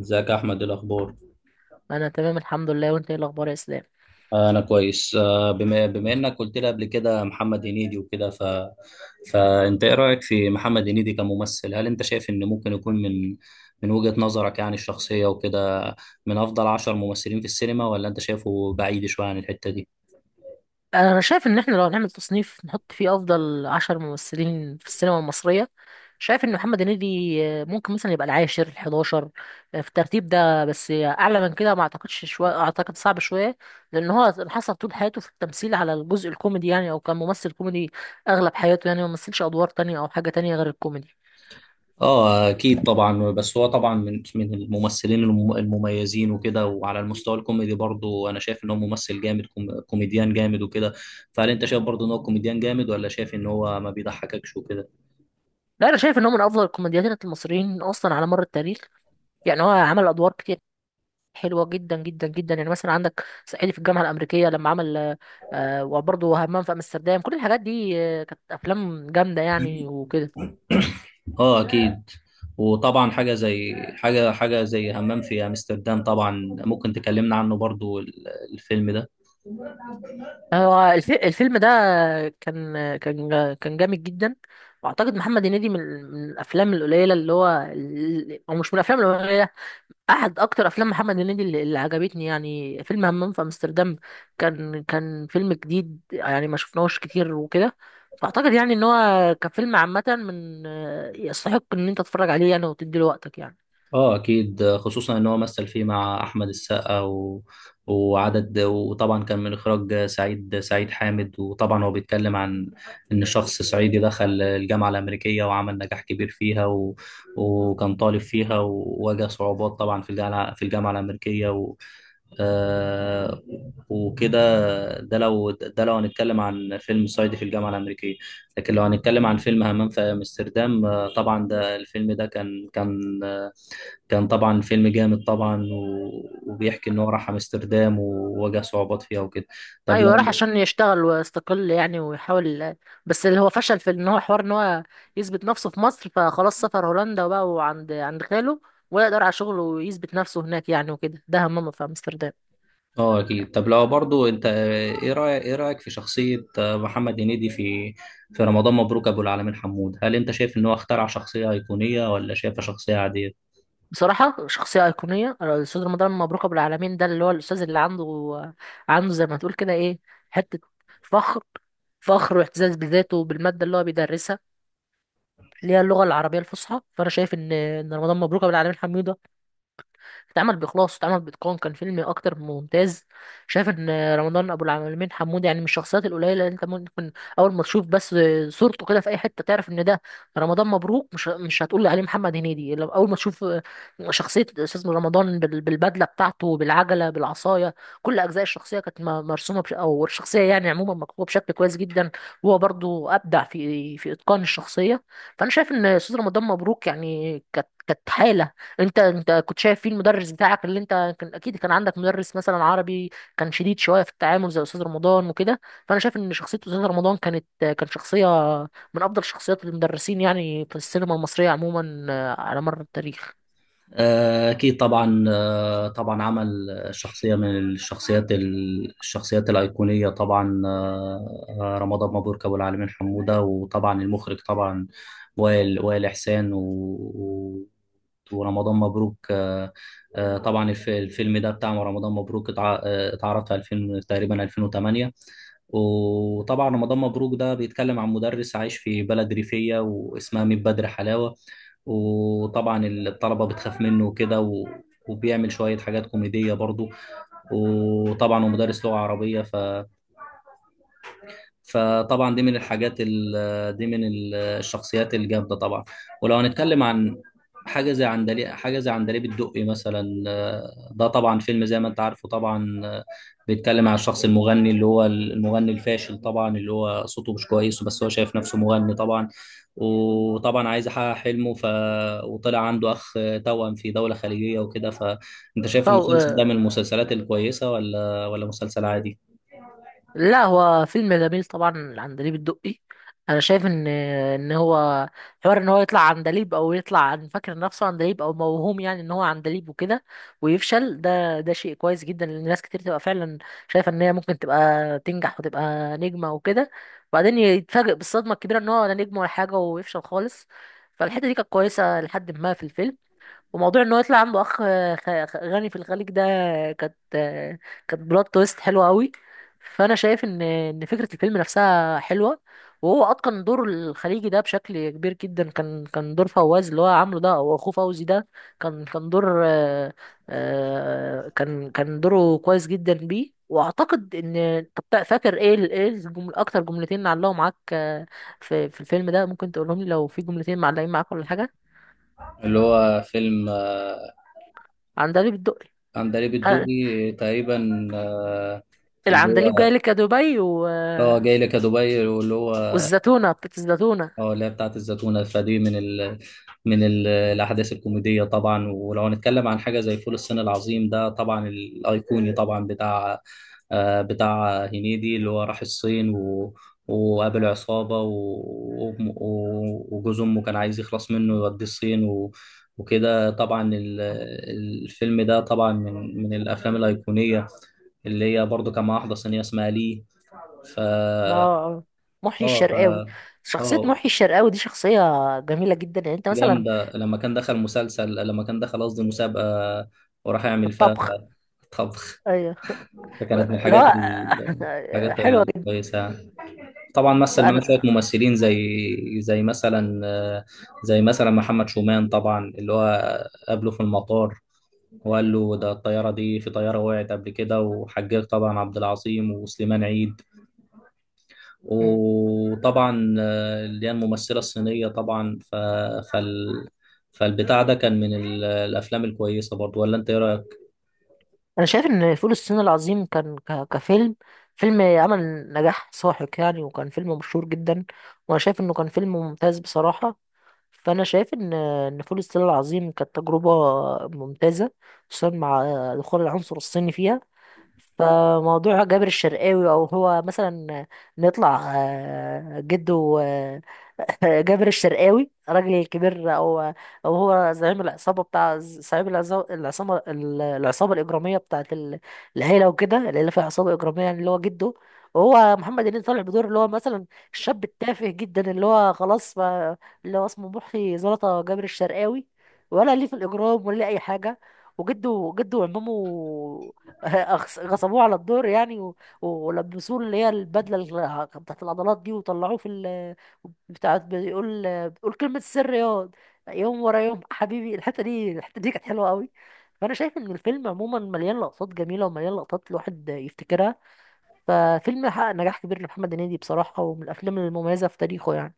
ازيك يا احمد؟ إيه الاخبار؟ انا تمام الحمد لله، وانت ايه الاخبار يا اسلام؟ انا كويس. بما انك قلت لي قبل كده محمد هنيدي وكده ف فانت ايه رايك في محمد هنيدي كممثل؟ هل انت شايف ان ممكن يكون من وجهة نظرك يعني الشخصية وكده من افضل عشر ممثلين في السينما، ولا انت شايفه بعيد شوية عن الحتة دي؟ أنا شايف ان احنا لو هنعمل تصنيف نحط فيه افضل عشر ممثلين في السينما المصريه، شايف ان محمد هنيدي ممكن مثلا يبقى العاشر الحداشر في الترتيب ده، بس اعلى من كده ما اعتقدش، شويه اعتقد صعب شويه، لان هو حصل طول حياته في التمثيل على الجزء الكوميدي يعني، او كان ممثل كوميدي اغلب حياته، يعني ما مثلش ادوار تانية او حاجه تانية غير الكوميدي. اه اكيد طبعا، بس هو طبعا من الممثلين المميزين وكده، وعلى المستوى الكوميدي برضو انا شايف ان هو ممثل جامد، كوميديان جامد وكده. فهل انت شايف برضو ان هو كوميديان جامد، ولا شايف ان هو ما بيضحككش وكده؟ لا، انا شايف ان هو من افضل الكوميديانات المصريين اصلا على مر التاريخ. يعني هو عمل ادوار كتير حلوه جدا جدا جدا. يعني مثلا عندك صعيدي في الجامعه الامريكيه لما عمل، آه، وبرضه همام في امستردام، كل الحاجات دي كانت افلام جامده يعني وكده. اه اكيد. وطبعا حاجه زي حاجه زي همام في امستردام، طبعا ممكن تكلمنا عنه برضو الفيلم ده. هو الفيلم ده كان جامد جدا، واعتقد محمد هنيدي من من الافلام القليله اللي هو او مش من الافلام القليله، احد اكتر افلام محمد هنيدي اللي عجبتني يعني فيلم همام في امستردام. كان فيلم جديد يعني، ما شفناهوش كتير وكده. فاعتقد يعني ان هو كفيلم عامه من يستحق ان انت تتفرج عليه يعني وتدي له وقتك يعني. اه اكيد، خصوصا ان هو مثل فيه مع احمد السقا و... وعدد، وطبعا كان من اخراج سعيد حامد. وطبعا هو بيتكلم عن ان شخص صعيدي دخل الجامعه الامريكيه وعمل نجاح كبير فيها و... وكان طالب فيها وواجه صعوبات طبعا في الجامعه في الجامعه الامريكيه و... آه... وكده. ده لو هنتكلم عن فيلم صعيدي في الجامعه الامريكيه. لكن لو هنتكلم عن فيلم همام في امستردام، طبعا ده الفيلم ده كان طبعا فيلم جامد طبعا، و... وبيحكي ان هو راح امستردام وواجه صعوبات فيها وكده. طب ايوه راح لو عشان يشتغل ويستقل يعني ويحاول، بس اللي هو فشل في ان هو حوار ان هو يثبت نفسه في مصر، فخلاص سافر هولندا وبقى وعند عند خاله ولا يقدر على شغله ويثبت نفسه هناك يعني وكده، ده همام في امستردام. اه اكيد. طب لو برضو انت، ايه رايك في شخصيه محمد هنيدي في في رمضان مبروك ابو العالمين حمود، هل انت شايف ان هو اخترع شخصيه ايقونيه، ولا شايفها شخصيه عاديه؟ بصراحة شخصية أيقونية الأستاذ رمضان مبروك أبو العالمين ده، اللي هو الأستاذ اللي عنده زي ما تقول كده إيه، حتة فخر، فخر واعتزاز بذاته وبالمادة اللي هو بيدرسها، اللي هي اللغة العربية الفصحى. فأنا شايف إن رمضان مبروك أبو العالمين حميدة اتعمل بإخلاص، اتعمل بإتقان، كان فيلم أكتر من ممتاز. شايف إن رمضان أبو العالمين حمود يعني من الشخصيات القليلة اللي أنت ممكن أول ما تشوف بس صورته كده في أي حتة تعرف إن ده رمضان مبروك. مش هتقول عليه محمد هنيدي لو أول ما تشوف شخصية أستاذ رمضان بالبدلة بتاعته، بالعجلة، بالعصاية. كل أجزاء الشخصية كانت مرسومة أو الشخصية يعني عموما مكتوبة بشكل كويس جدا. هو برضو أبدع في إتقان الشخصية. فأنا شايف إن أستاذ رمضان مبروك يعني كانت حالة، انت كنت شايف فيه المدرس بتاعك اللي انت كان اكيد كان عندك مدرس مثلا عربي كان شديد شويه في التعامل زي استاذ رمضان وكده. فانا شايف ان شخصيه استاذ رمضان كانت شخصيه من افضل شخصيات المدرسين يعني في السينما المصريه عموما على مر التاريخ. أكيد طبعا. طبعا عمل شخصية من الشخصيات الأيقونية طبعا، رمضان مبروك أبو العالمين حمودة. وطبعا المخرج طبعا وائل إحسان و... و- ورمضان مبروك. طبعا الفيلم ده بتاع رمضان مبروك اتعرض في 2000 تقريبا، 2008. وطبعا رمضان مبروك ده بيتكلم عن مدرس عايش في بلد ريفية واسمها ميت بدر حلاوة، وطبعا الطلبة بتخاف منه وكده و... وبيعمل شوية حاجات كوميدية برضو، وطبعا هو مدرس لغة عربية فطبعا دي من دي من الشخصيات الجامده طبعا. ولو هنتكلم عن حاجه زي عندليب حاجه زي عندليب الدقي مثلا، ده طبعا فيلم زي ما انت عارفه طبعا. بيتكلم عن الشخص المغني اللي هو المغني الفاشل طبعا، اللي هو صوته مش كويس بس هو شايف نفسه مغني طبعا، وطبعا عايز يحقق حلمه ف... وطلع عنده اخ توأم في دوله خليجيه وكده. فانت شايف المسلسل ده من المسلسلات الكويسه، ولا مسلسل عادي؟ لا هو فيلم جميل طبعا العندليب الدقي. انا شايف ان هو حوار ان هو يطلع عندليب، او يطلع عن فاكر نفسه عندليب، او موهوم يعني ان هو عندليب وكده ويفشل، ده شيء كويس جدا، لان ناس كتير تبقى فعلا شايفه ان هي ممكن تبقى تنجح وتبقى نجمه وكده، وبعدين يتفاجئ بالصدمه الكبيره ان هو لا نجم ولا حاجه ويفشل خالص. فالحته دي كانت كويسه لحد ما في الفيلم. وموضوع ان هو يطلع عنده اخ غني في الخليج ده، كانت كانت بلوت تويست حلوه قوي. فانا شايف ان فكره الفيلم نفسها حلوه، وهو اتقن دور الخليجي ده بشكل كبير جدا. كان دور فواز اللي هو عامله ده او اخوه فوزي ده، كان دور كان دوره كويس جدا بيه. واعتقد ان، طب فاكر ايه ايه الجمل اكتر، جملتين علقوا معاك في الفيلم ده؟ ممكن تقولهم لي لو في جملتين معلقين معاك ولا حاجه؟ اللي هو فيلم عن دليل الدقي. عندليب الدقي تقريبا. اللي العندليب هو جاي لك يا دبي و... اه جاي لك يا دبي، واللي هو والزتونة بتاعت الزتونة. اه اللي هي بتاعت الزتونة. فدي من من الأحداث الكوميدية طبعا. ولو هنتكلم عن حاجة زي فول الصين العظيم، ده طبعا الأيقوني طبعا بتاع بتاع هنيدي، اللي هو راح الصين و... وقابل عصابة و... وجوز أمه كان عايز يخلص منه يوديه الصين و... وكده. طبعا الفيلم ده طبعا من الأفلام الأيقونية، اللي هي برضو كان مع واحدة صينية اسمها لي. ف اه آه. محيي اه ف الشرقاوي. شخصية اه محيي الشرقاوي دي شخصية جميلة جدا. يعني انت مثلا، جامدة. لما كان دخل مسلسل، لما كان دخل قصدي مسابقة، وراح في يعمل فيها الطبخ، طبخ، ايوه. فكانت من لا الحاجات حلوة جدا. الكويسة يعني. طبعا مثل معاه فأنا شوية ممثلين زي زي مثلا زي مثلا محمد شومان طبعا، اللي هو قابله في المطار وقال له ده الطيارة دي، في طيارة وقعت قبل كده، وحجاج طبعا عبد العظيم وسليمان عيد، وطبعا اللي هي الممثلة الصينية طبعا. فال... فالبتاع ده كان من الأفلام الكويسة برضو، ولا أنت إيه رأيك؟ انا شايف ان فول الصين العظيم كان كفيلم، فيلم عمل نجاح ساحق يعني، وكان فيلم مشهور جدا، وانا شايف انه كان فيلم ممتاز بصراحة. فانا شايف ان فول الصين العظيم كانت تجربة ممتازة، خصوصا مع دخول العنصر الصيني فيها. فموضوع جابر الشرقاوي، او هو مثلا نطلع جده، جابر الشرقاوي راجل كبير، او او هو زعيم العصابه بتاع، زعيم العصابه العصابه الاجراميه بتاعت العيله وكده. العيله فيها عصابه اجراميه يعني اللي هو جده. وهو محمد هنيدي طالع بدور اللي هو مثلا الشاب التافه جدا، اللي هو خلاص ما، اللي هو اسمه محي زلطه جابر الشرقاوي، ولا ليه في الاجرام ولا ليه اي حاجه. وجده، وعمامه غصبوه على الدور يعني ولبسوه اللي هي البدله بتاعت العضلات دي، وطلعوه في ال بتاعت، بيقول كلمه السر ياض يوم ورا يوم حبيبي. الحته دي كانت حلوه قوي. فانا شايف ان الفيلم عموما مليان لقطات جميله، ومليان لقطات الواحد يفتكرها. ففيلم حقق نجاح كبير لمحمد هنيدي بصراحه، ومن الافلام المميزه في تاريخه يعني.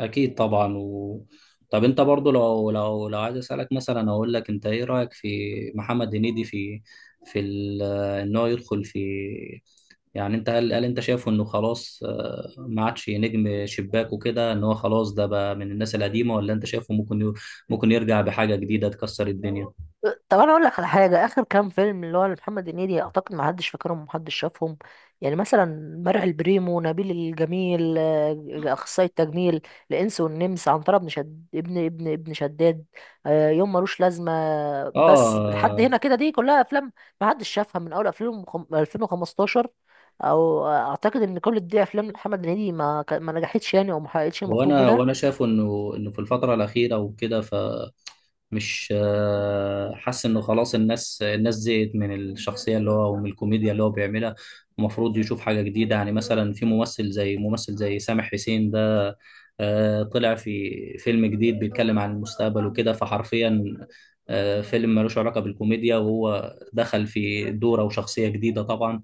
أكيد طبعا و... طب أنت برضو، لو عايز أسألك مثلا أقول لك، أنت إيه رأيك في محمد هنيدي في في ال... إن هو يدخل في، يعني أنت هل أنت شايفه إنه خلاص، ما عادش نجم شباك وكده، إن هو خلاص ده بقى من الناس القديمة، ولا أنت شايفه ممكن ي... ممكن يرجع بحاجة جديدة تكسر الدنيا؟ طب انا اقول لك على حاجه، اخر كام فيلم اللي هو محمد هنيدي اعتقد ما حدش فاكرهم ومحدش شافهم، يعني مثلا مرعي البريمو، نبيل الجميل اخصائي التجميل، الانس والنمس، عنتر ابن شد ابن ابن شداد، يوم ملوش لازمه. بس لحد آه. هنا كده، دي كلها افلام ما حدش شافها من اول 2015، او اعتقد ان كل دي افلام محمد هنيدي ما نجحتش يعني او ما حققتش المطلوب. وانا شايف انه في الفتره الاخيره وكده، فمش حاسس انه خلاص الناس زهقت من الشخصيه اللي هو ومن الكوميديا اللي هو بيعملها. المفروض يشوف حاجه جديده، يعني مثلا في ممثل زي سامح حسين ده، طلع في فيلم جديد بيتكلم عن المستقبل وكده، فحرفيا فيلم ملوش علاقه بالكوميديا، وهو دخل في دوره وشخصيه جديده طبعا.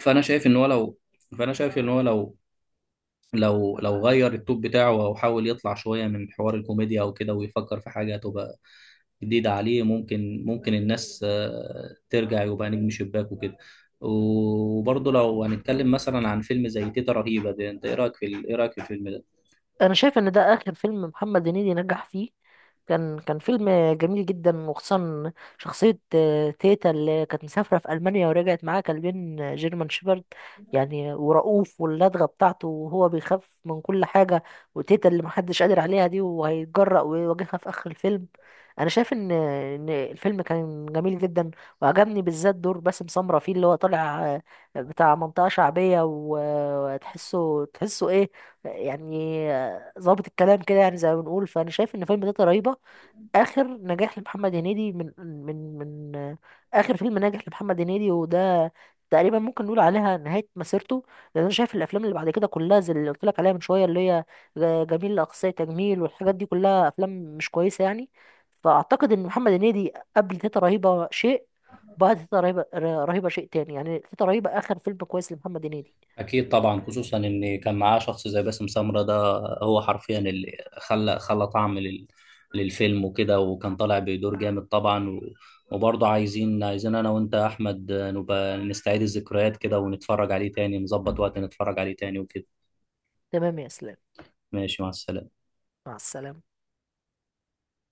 فانا شايف ان هو لو فانا شايف ان هو لو غير التوب بتاعه او حاول يطلع شويه من حوار الكوميديا او كده، ويفكر في حاجه تبقى جديده عليه، ممكن الناس ترجع يبقى نجم شباك وكده. وبرضه لو هنتكلم مثلا عن فيلم زي تيتا رهيبه ده، انت ايه رايك في الفيلم ده؟ انا شايف ان ده اخر فيلم محمد هنيدي نجح فيه، كان فيلم جميل جدا. وخصوصا شخصية تيتا اللي كانت مسافرة في ألمانيا ورجعت معاها كلبين جيرمان شيبرد يعني، ورؤوف واللدغة بتاعته وهو بيخاف من كل حاجة، وتيتا اللي محدش قادر عليها دي وهيتجرأ ويواجهها في آخر الفيلم. أنا شايف إن الفيلم كان جميل جدا، وعجبني بالذات دور باسم سمرة فيه اللي هو طالع بتاع منطقة شعبية، وتحسه إيه يعني، ظابط الكلام كده يعني زي ما بنقول. فانا شايف ان فيلم تيتا رهيبه اخر نجاح لمحمد هنيدي، من من اخر فيلم ناجح لمحمد هنيدي، وده تقريبا ممكن نقول عليها نهايه مسيرته، لان انا شايف الافلام اللي بعد كده كلها زي اللي قلت لك عليها من شويه، اللي هي جميل لاقصى تجميل والحاجات دي، كلها افلام مش كويسه يعني. فاعتقد ان محمد هنيدي قبل تيتا رهيبه شيء، بعد تيتا رهيبه رهيبه شيء تاني يعني. تيتا رهيبه اخر فيلم كويس لمحمد هنيدي. أكيد طبعا، خصوصا إن كان معاه شخص زي باسم سمرة ده، هو حرفيا اللي خلى طعم للفيلم وكده، وكان طالع بدور جامد طبعا، وبرضه عايزين أنا وأنت يا أحمد نبقى نستعيد الذكريات كده ونتفرج عليه تاني، نظبط وقت نتفرج عليه تاني وكده. تمام يا اسلام. ماشي، مع السلامة. مع السلامه.